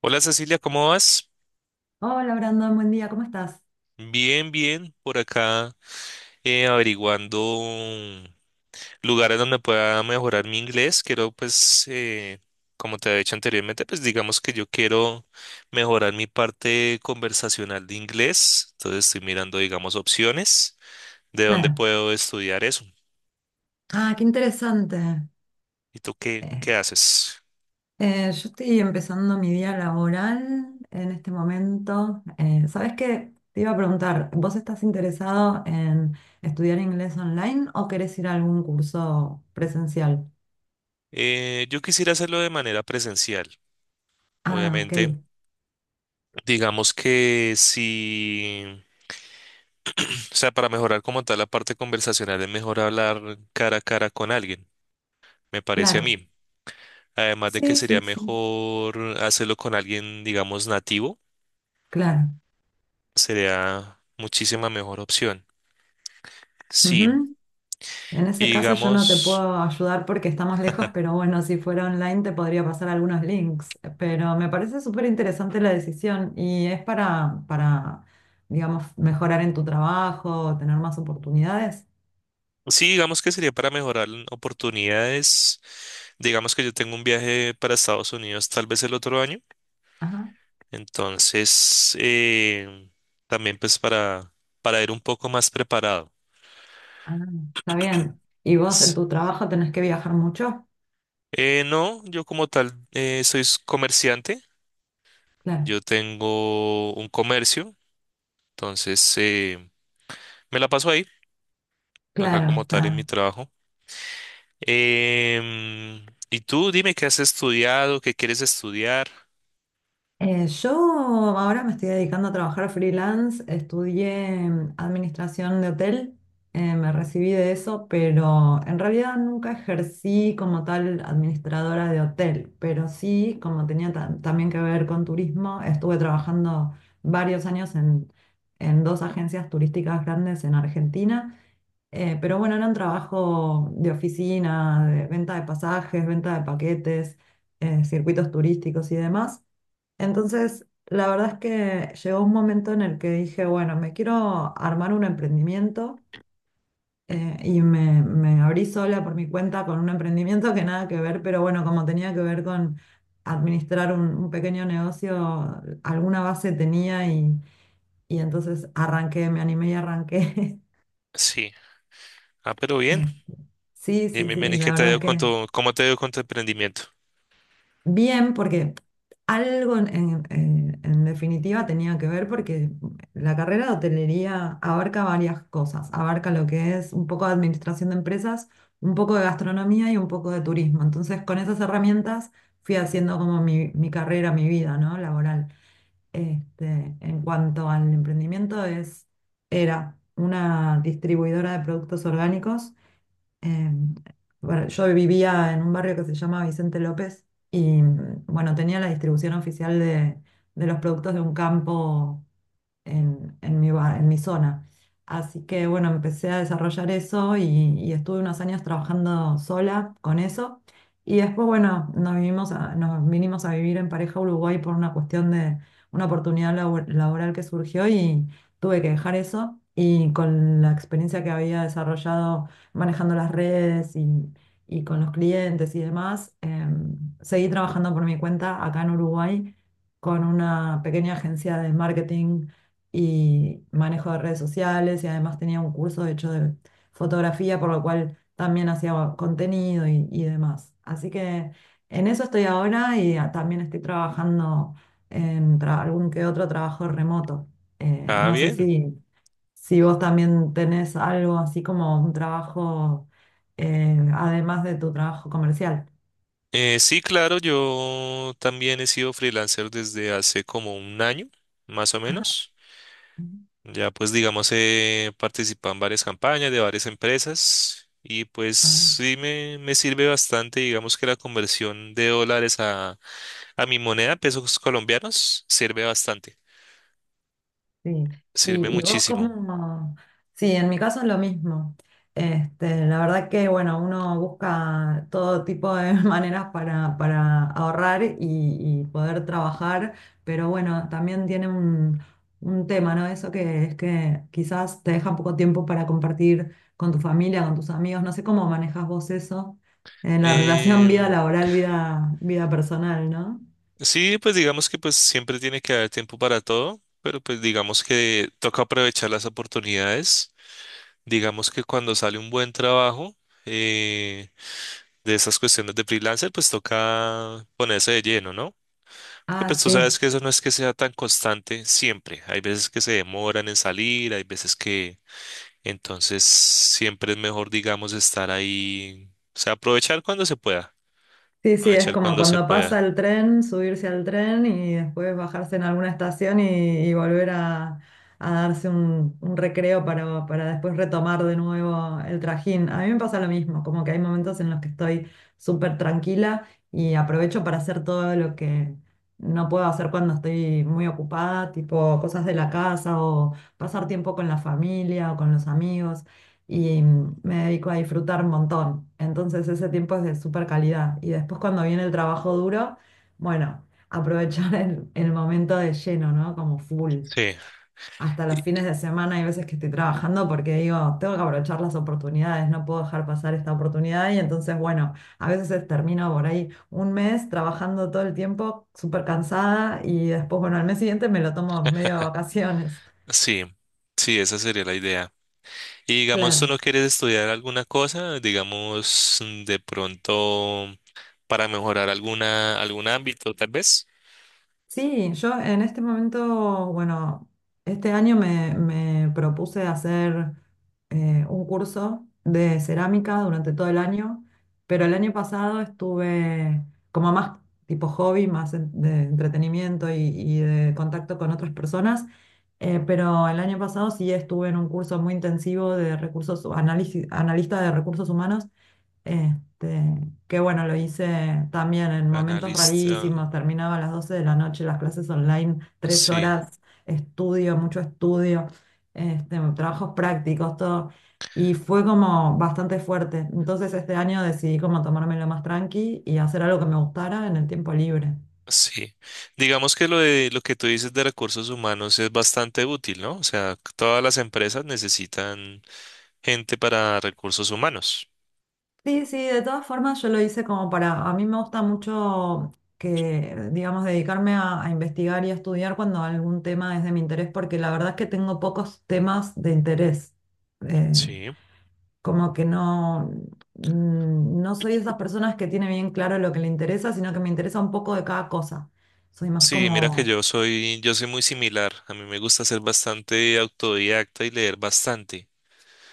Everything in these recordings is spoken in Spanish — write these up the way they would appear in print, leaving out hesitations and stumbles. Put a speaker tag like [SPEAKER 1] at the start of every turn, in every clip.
[SPEAKER 1] Hola Cecilia, ¿cómo vas?
[SPEAKER 2] Hola Brandon, buen día, ¿cómo estás?
[SPEAKER 1] Bien, bien, por acá, averiguando mm, lugares donde pueda mejorar mi inglés. Quiero, pues, como te había dicho anteriormente, pues digamos que yo quiero mejorar mi parte conversacional de inglés. Entonces estoy mirando, digamos, opciones de dónde
[SPEAKER 2] Claro.
[SPEAKER 1] puedo estudiar eso.
[SPEAKER 2] Ah, qué interesante.
[SPEAKER 1] ¿Y tú qué,
[SPEAKER 2] Eh,
[SPEAKER 1] qué haces?
[SPEAKER 2] yo estoy empezando mi día laboral en este momento. ¿Sabes qué? Te iba a preguntar, ¿vos estás interesado en estudiar inglés online o querés ir a algún curso presencial?
[SPEAKER 1] Yo quisiera hacerlo de manera presencial,
[SPEAKER 2] Ah, ok,
[SPEAKER 1] obviamente. Digamos que si... O sea, para mejorar como tal la parte conversacional es mejor hablar cara a cara con alguien, me parece a
[SPEAKER 2] claro.
[SPEAKER 1] mí. Además de que
[SPEAKER 2] Sí,
[SPEAKER 1] sería
[SPEAKER 2] sí, sí,
[SPEAKER 1] mejor hacerlo con alguien, digamos, nativo,
[SPEAKER 2] claro.
[SPEAKER 1] sería muchísima mejor opción. Sí,
[SPEAKER 2] En ese
[SPEAKER 1] y
[SPEAKER 2] caso yo no te
[SPEAKER 1] digamos,
[SPEAKER 2] puedo ayudar porque estamos lejos, pero bueno, si fuera online te podría pasar algunos links. Pero me parece súper interesante la decisión y es digamos, mejorar en tu trabajo, tener más oportunidades.
[SPEAKER 1] sí, digamos que sería para mejorar oportunidades. Digamos que yo tengo un viaje para Estados Unidos tal vez el otro año,
[SPEAKER 2] Ajá,
[SPEAKER 1] entonces también pues para ir un poco más preparado.
[SPEAKER 2] ah, está bien. ¿Y vos en
[SPEAKER 1] Pues,
[SPEAKER 2] tu trabajo tenés que viajar mucho?
[SPEAKER 1] No, yo como tal comerciante,
[SPEAKER 2] Claro,
[SPEAKER 1] yo tengo un comercio, entonces, me la paso ahí, acá
[SPEAKER 2] claro,
[SPEAKER 1] como tal en mi
[SPEAKER 2] está.
[SPEAKER 1] trabajo. Y tú dime qué has estudiado, qué quieres estudiar.
[SPEAKER 2] Yo ahora me estoy dedicando a trabajar freelance, estudié administración de hotel, me recibí de eso, pero en realidad nunca ejercí como tal administradora de hotel, pero sí, como tenía también que ver con turismo, estuve trabajando varios años en dos agencias turísticas grandes en Argentina. Pero bueno, era un trabajo de oficina, de venta de pasajes, venta de paquetes, circuitos turísticos y demás. Entonces, la verdad es que llegó un momento en el que dije, bueno, me quiero armar un emprendimiento y me abrí sola por mi cuenta con un emprendimiento que nada que ver, pero bueno, como tenía que ver con administrar un pequeño negocio, alguna base tenía y entonces arranqué, me animé y arranqué.
[SPEAKER 1] Sí, ah, pero bien.
[SPEAKER 2] Eh, sí, sí,
[SPEAKER 1] Dime,
[SPEAKER 2] sí,
[SPEAKER 1] Manny, ¿qué
[SPEAKER 2] la
[SPEAKER 1] te ha
[SPEAKER 2] verdad
[SPEAKER 1] ido con
[SPEAKER 2] que
[SPEAKER 1] cómo te ha ido con tu emprendimiento?
[SPEAKER 2] bien, porque algo en, en definitiva tenía que ver, porque la carrera de hotelería abarca varias cosas, abarca lo que es un poco de administración de empresas, un poco de gastronomía y un poco de turismo. Entonces, con esas herramientas fui haciendo como mi carrera, mi vida, ¿no? Laboral. Este, en cuanto al emprendimiento, era una distribuidora de productos orgánicos en- bueno, yo vivía en un barrio que se llama Vicente López y bueno, tenía la distribución oficial de los productos de un campo en mi, en mi zona. Así que bueno, empecé a desarrollar eso y estuve unos años trabajando sola con eso. Y después, bueno, nos vinimos a vivir en pareja a Uruguay por una cuestión de una oportunidad laboral que surgió y tuve que dejar eso. Y con la experiencia que había desarrollado manejando las redes y con los clientes y demás, seguí trabajando por mi cuenta acá en Uruguay con una pequeña agencia de marketing y manejo de redes sociales y además tenía un curso hecho de fotografía, por lo cual también hacía contenido y demás. Así que en eso estoy ahora y también estoy trabajando en algún que otro trabajo remoto.
[SPEAKER 1] Ah,
[SPEAKER 2] No sé
[SPEAKER 1] bien.
[SPEAKER 2] si, si vos también tenés algo así como un trabajo, además de tu trabajo comercial.
[SPEAKER 1] Sí, claro, yo también he sido freelancer desde hace como un año, más o
[SPEAKER 2] Ajá.
[SPEAKER 1] menos. Ya pues digamos he participado en varias campañas de varias empresas y pues
[SPEAKER 2] Ah.
[SPEAKER 1] sí me sirve bastante, digamos que la conversión de dólares a mi moneda, pesos colombianos, sirve bastante,
[SPEAKER 2] Sí,
[SPEAKER 1] sirve
[SPEAKER 2] y, y vos
[SPEAKER 1] muchísimo.
[SPEAKER 2] cómo, sí, en mi caso es lo mismo. Este, la verdad que, bueno, uno busca todo tipo de maneras para ahorrar y poder trabajar, pero bueno, también tiene un tema, ¿no? Eso que es que quizás te deja poco tiempo para compartir con tu familia, con tus amigos, no sé cómo manejas vos eso, en la relación vida
[SPEAKER 1] Em,
[SPEAKER 2] laboral, vida personal, ¿no?
[SPEAKER 1] sí, pues digamos que pues siempre tiene que haber tiempo para todo, pero pues digamos que toca aprovechar las oportunidades. Digamos que cuando sale un buen trabajo eh, de esas cuestiones de freelancer, pues toca ponerse de lleno, ¿no? Porque
[SPEAKER 2] Ah,
[SPEAKER 1] pues tú sabes
[SPEAKER 2] sí.
[SPEAKER 1] que eso no es que sea tan constante siempre. Hay veces que se demoran en salir, hay veces que entonces siempre es mejor, digamos, estar ahí, o sea,
[SPEAKER 2] Sí, sí, es
[SPEAKER 1] aprovechar
[SPEAKER 2] como
[SPEAKER 1] cuando se
[SPEAKER 2] cuando pasa
[SPEAKER 1] pueda.
[SPEAKER 2] el tren, subirse al tren y después bajarse en alguna estación y, a darse un recreo para después retomar de nuevo el trajín. A mí me pasa lo mismo, como que hay momentos en los que estoy súper tranquila y aprovecho para hacer todo lo que no puedo hacer cuando estoy muy ocupada, tipo cosas de la casa o pasar tiempo con la familia o con los amigos y me dedico a disfrutar un montón. Entonces ese tiempo es de súper calidad. Y después cuando viene el trabajo duro, bueno, aprovechar el momento de lleno, ¿no? Como full.
[SPEAKER 1] Sí,
[SPEAKER 2] Hasta los
[SPEAKER 1] y-
[SPEAKER 2] fines de semana hay veces que estoy trabajando porque digo, tengo que aprovechar las oportunidades, no puedo dejar pasar esta oportunidad. Y entonces, bueno, a veces termino por ahí un mes trabajando todo el tiempo, súper cansada, y después, bueno, al mes siguiente me lo tomo medio de vacaciones.
[SPEAKER 1] sí, sí, esa sería la idea. Y digamos, ¿tú
[SPEAKER 2] Claro.
[SPEAKER 1] no quieres estudiar alguna cosa? Digamos, de pronto, para mejorar algún ámbito, tal vez.
[SPEAKER 2] Sí, yo en este momento, bueno, este año me propuse hacer un curso de cerámica durante todo el año, pero el año pasado estuve como más tipo hobby, más de entretenimiento y de contacto con otras personas, pero el año pasado sí estuve en un curso muy intensivo de recursos, análisis, analista de recursos humanos este, que bueno, lo hice también en momentos
[SPEAKER 1] Analista,
[SPEAKER 2] rarísimos, terminaba a las 12 de la noche las clases online, tres
[SPEAKER 1] sí,
[SPEAKER 2] horas, estudio, mucho estudio, este, trabajos prácticos, todo. Y fue como bastante fuerte. Entonces este año decidí como tomármelo más tranqui y hacer algo que me gustara en el tiempo libre.
[SPEAKER 1] sí. Digamos que lo que tú dices de recursos humanos es bastante útil, ¿no? O sea, todas las empresas necesitan gente para recursos humanos.
[SPEAKER 2] Sí, sí, de todas formas yo lo hice como para, a mí me gusta mucho que, digamos, dedicarme a investigar y a estudiar cuando algún tema es de mi interés, porque la verdad es que tengo pocos temas de interés. Eh,
[SPEAKER 1] Sí,
[SPEAKER 2] como que no, no soy de esas personas que tiene bien claro lo que le interesa, sino que me interesa un poco de cada cosa. Soy más
[SPEAKER 1] sí, mira que
[SPEAKER 2] como
[SPEAKER 1] yo soy muy similar. A mí me gusta ser bastante autodidacta y leer bastante.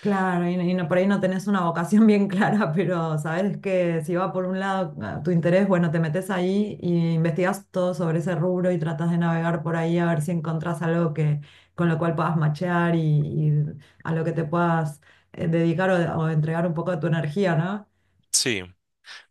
[SPEAKER 2] claro, y no, por ahí no tenés una vocación bien clara, pero sabes que si va por un lado ah, tu interés, bueno, te metes ahí y investigas todo sobre ese rubro y tratas de navegar por ahí a ver si encontrás algo que, con lo cual puedas machear y a lo que te puedas dedicar o entregar un poco de tu energía, ¿no?
[SPEAKER 1] Sí.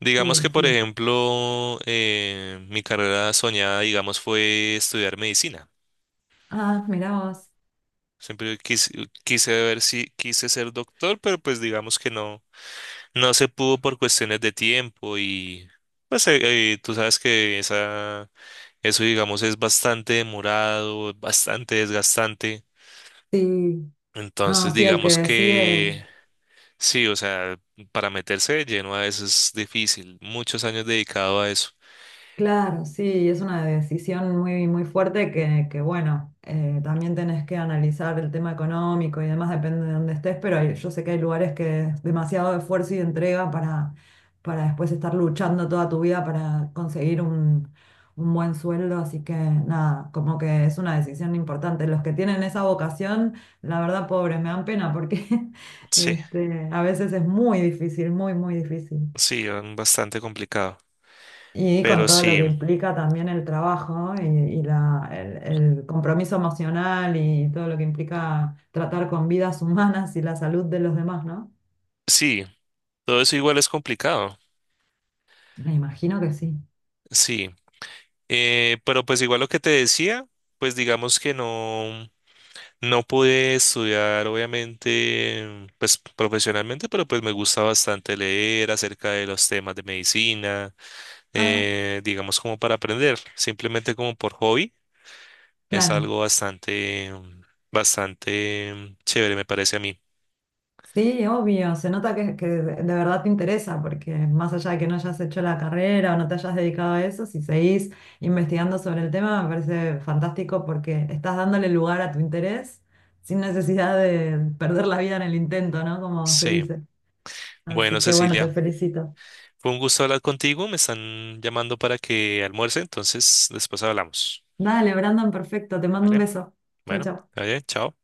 [SPEAKER 1] Digamos
[SPEAKER 2] Sí,
[SPEAKER 1] que, por
[SPEAKER 2] sí.
[SPEAKER 1] ejemplo, mi carrera soñada, digamos, fue estudiar medicina.
[SPEAKER 2] Ah, mirá vos.
[SPEAKER 1] Siempre quise, quise ver si quise ser doctor, pero pues digamos que no, no se pudo por cuestiones de tiempo y pues tú sabes que eso digamos es bastante demorado, bastante desgastante.
[SPEAKER 2] Sí. No,
[SPEAKER 1] Entonces
[SPEAKER 2] sí, el que
[SPEAKER 1] digamos
[SPEAKER 2] decide.
[SPEAKER 1] que sí, o sea, para meterse de lleno a eso es difícil. Muchos años dedicado a eso.
[SPEAKER 2] Claro, sí, es una decisión muy fuerte que, bueno, también tenés que analizar el tema económico y demás, depende de dónde estés, pero hay- yo sé que hay lugares que es demasiado esfuerzo y entrega para después estar luchando toda tu vida para conseguir un buen sueldo, así que nada, como que es una decisión importante. Los que tienen esa vocación, la verdad, pobres, me dan pena porque
[SPEAKER 1] Sí,
[SPEAKER 2] este, a veces es muy difícil, muy, muy difícil.
[SPEAKER 1] sí, bastante complicado.
[SPEAKER 2] Y con
[SPEAKER 1] Pero
[SPEAKER 2] todo lo
[SPEAKER 1] sí,
[SPEAKER 2] que implica también el trabajo y el compromiso emocional y todo lo que implica tratar con vidas humanas y la salud de los demás, ¿no?
[SPEAKER 1] sí, todo eso igual es complicado.
[SPEAKER 2] Me imagino que sí.
[SPEAKER 1] Sí, pero pues igual lo que te decía, pues digamos que no, no pude estudiar, obviamente, pues profesionalmente, pero pues me gusta bastante leer acerca de los temas de medicina,
[SPEAKER 2] Ah,
[SPEAKER 1] digamos como para aprender, simplemente como por hobby. Es
[SPEAKER 2] claro.
[SPEAKER 1] algo bastante, bastante chévere, me parece a mí.
[SPEAKER 2] Sí, obvio. Se nota que de verdad te interesa, porque más allá de que no hayas hecho la carrera o no te hayas dedicado a eso, si seguís investigando sobre el tema, me parece fantástico porque estás dándole lugar a tu interés sin necesidad de perder la vida en el intento, ¿no? Como se
[SPEAKER 1] Sí.
[SPEAKER 2] dice.
[SPEAKER 1] Bueno,
[SPEAKER 2] Así que bueno, te
[SPEAKER 1] Cecilia,
[SPEAKER 2] felicito.
[SPEAKER 1] fue un gusto hablar contigo. Me están llamando para que almuerce, entonces después hablamos.
[SPEAKER 2] Dale, Brandon, perfecto. Te mando un
[SPEAKER 1] ¿Vale?
[SPEAKER 2] beso. Chao,
[SPEAKER 1] Bueno,
[SPEAKER 2] chao.
[SPEAKER 1] oye, chao.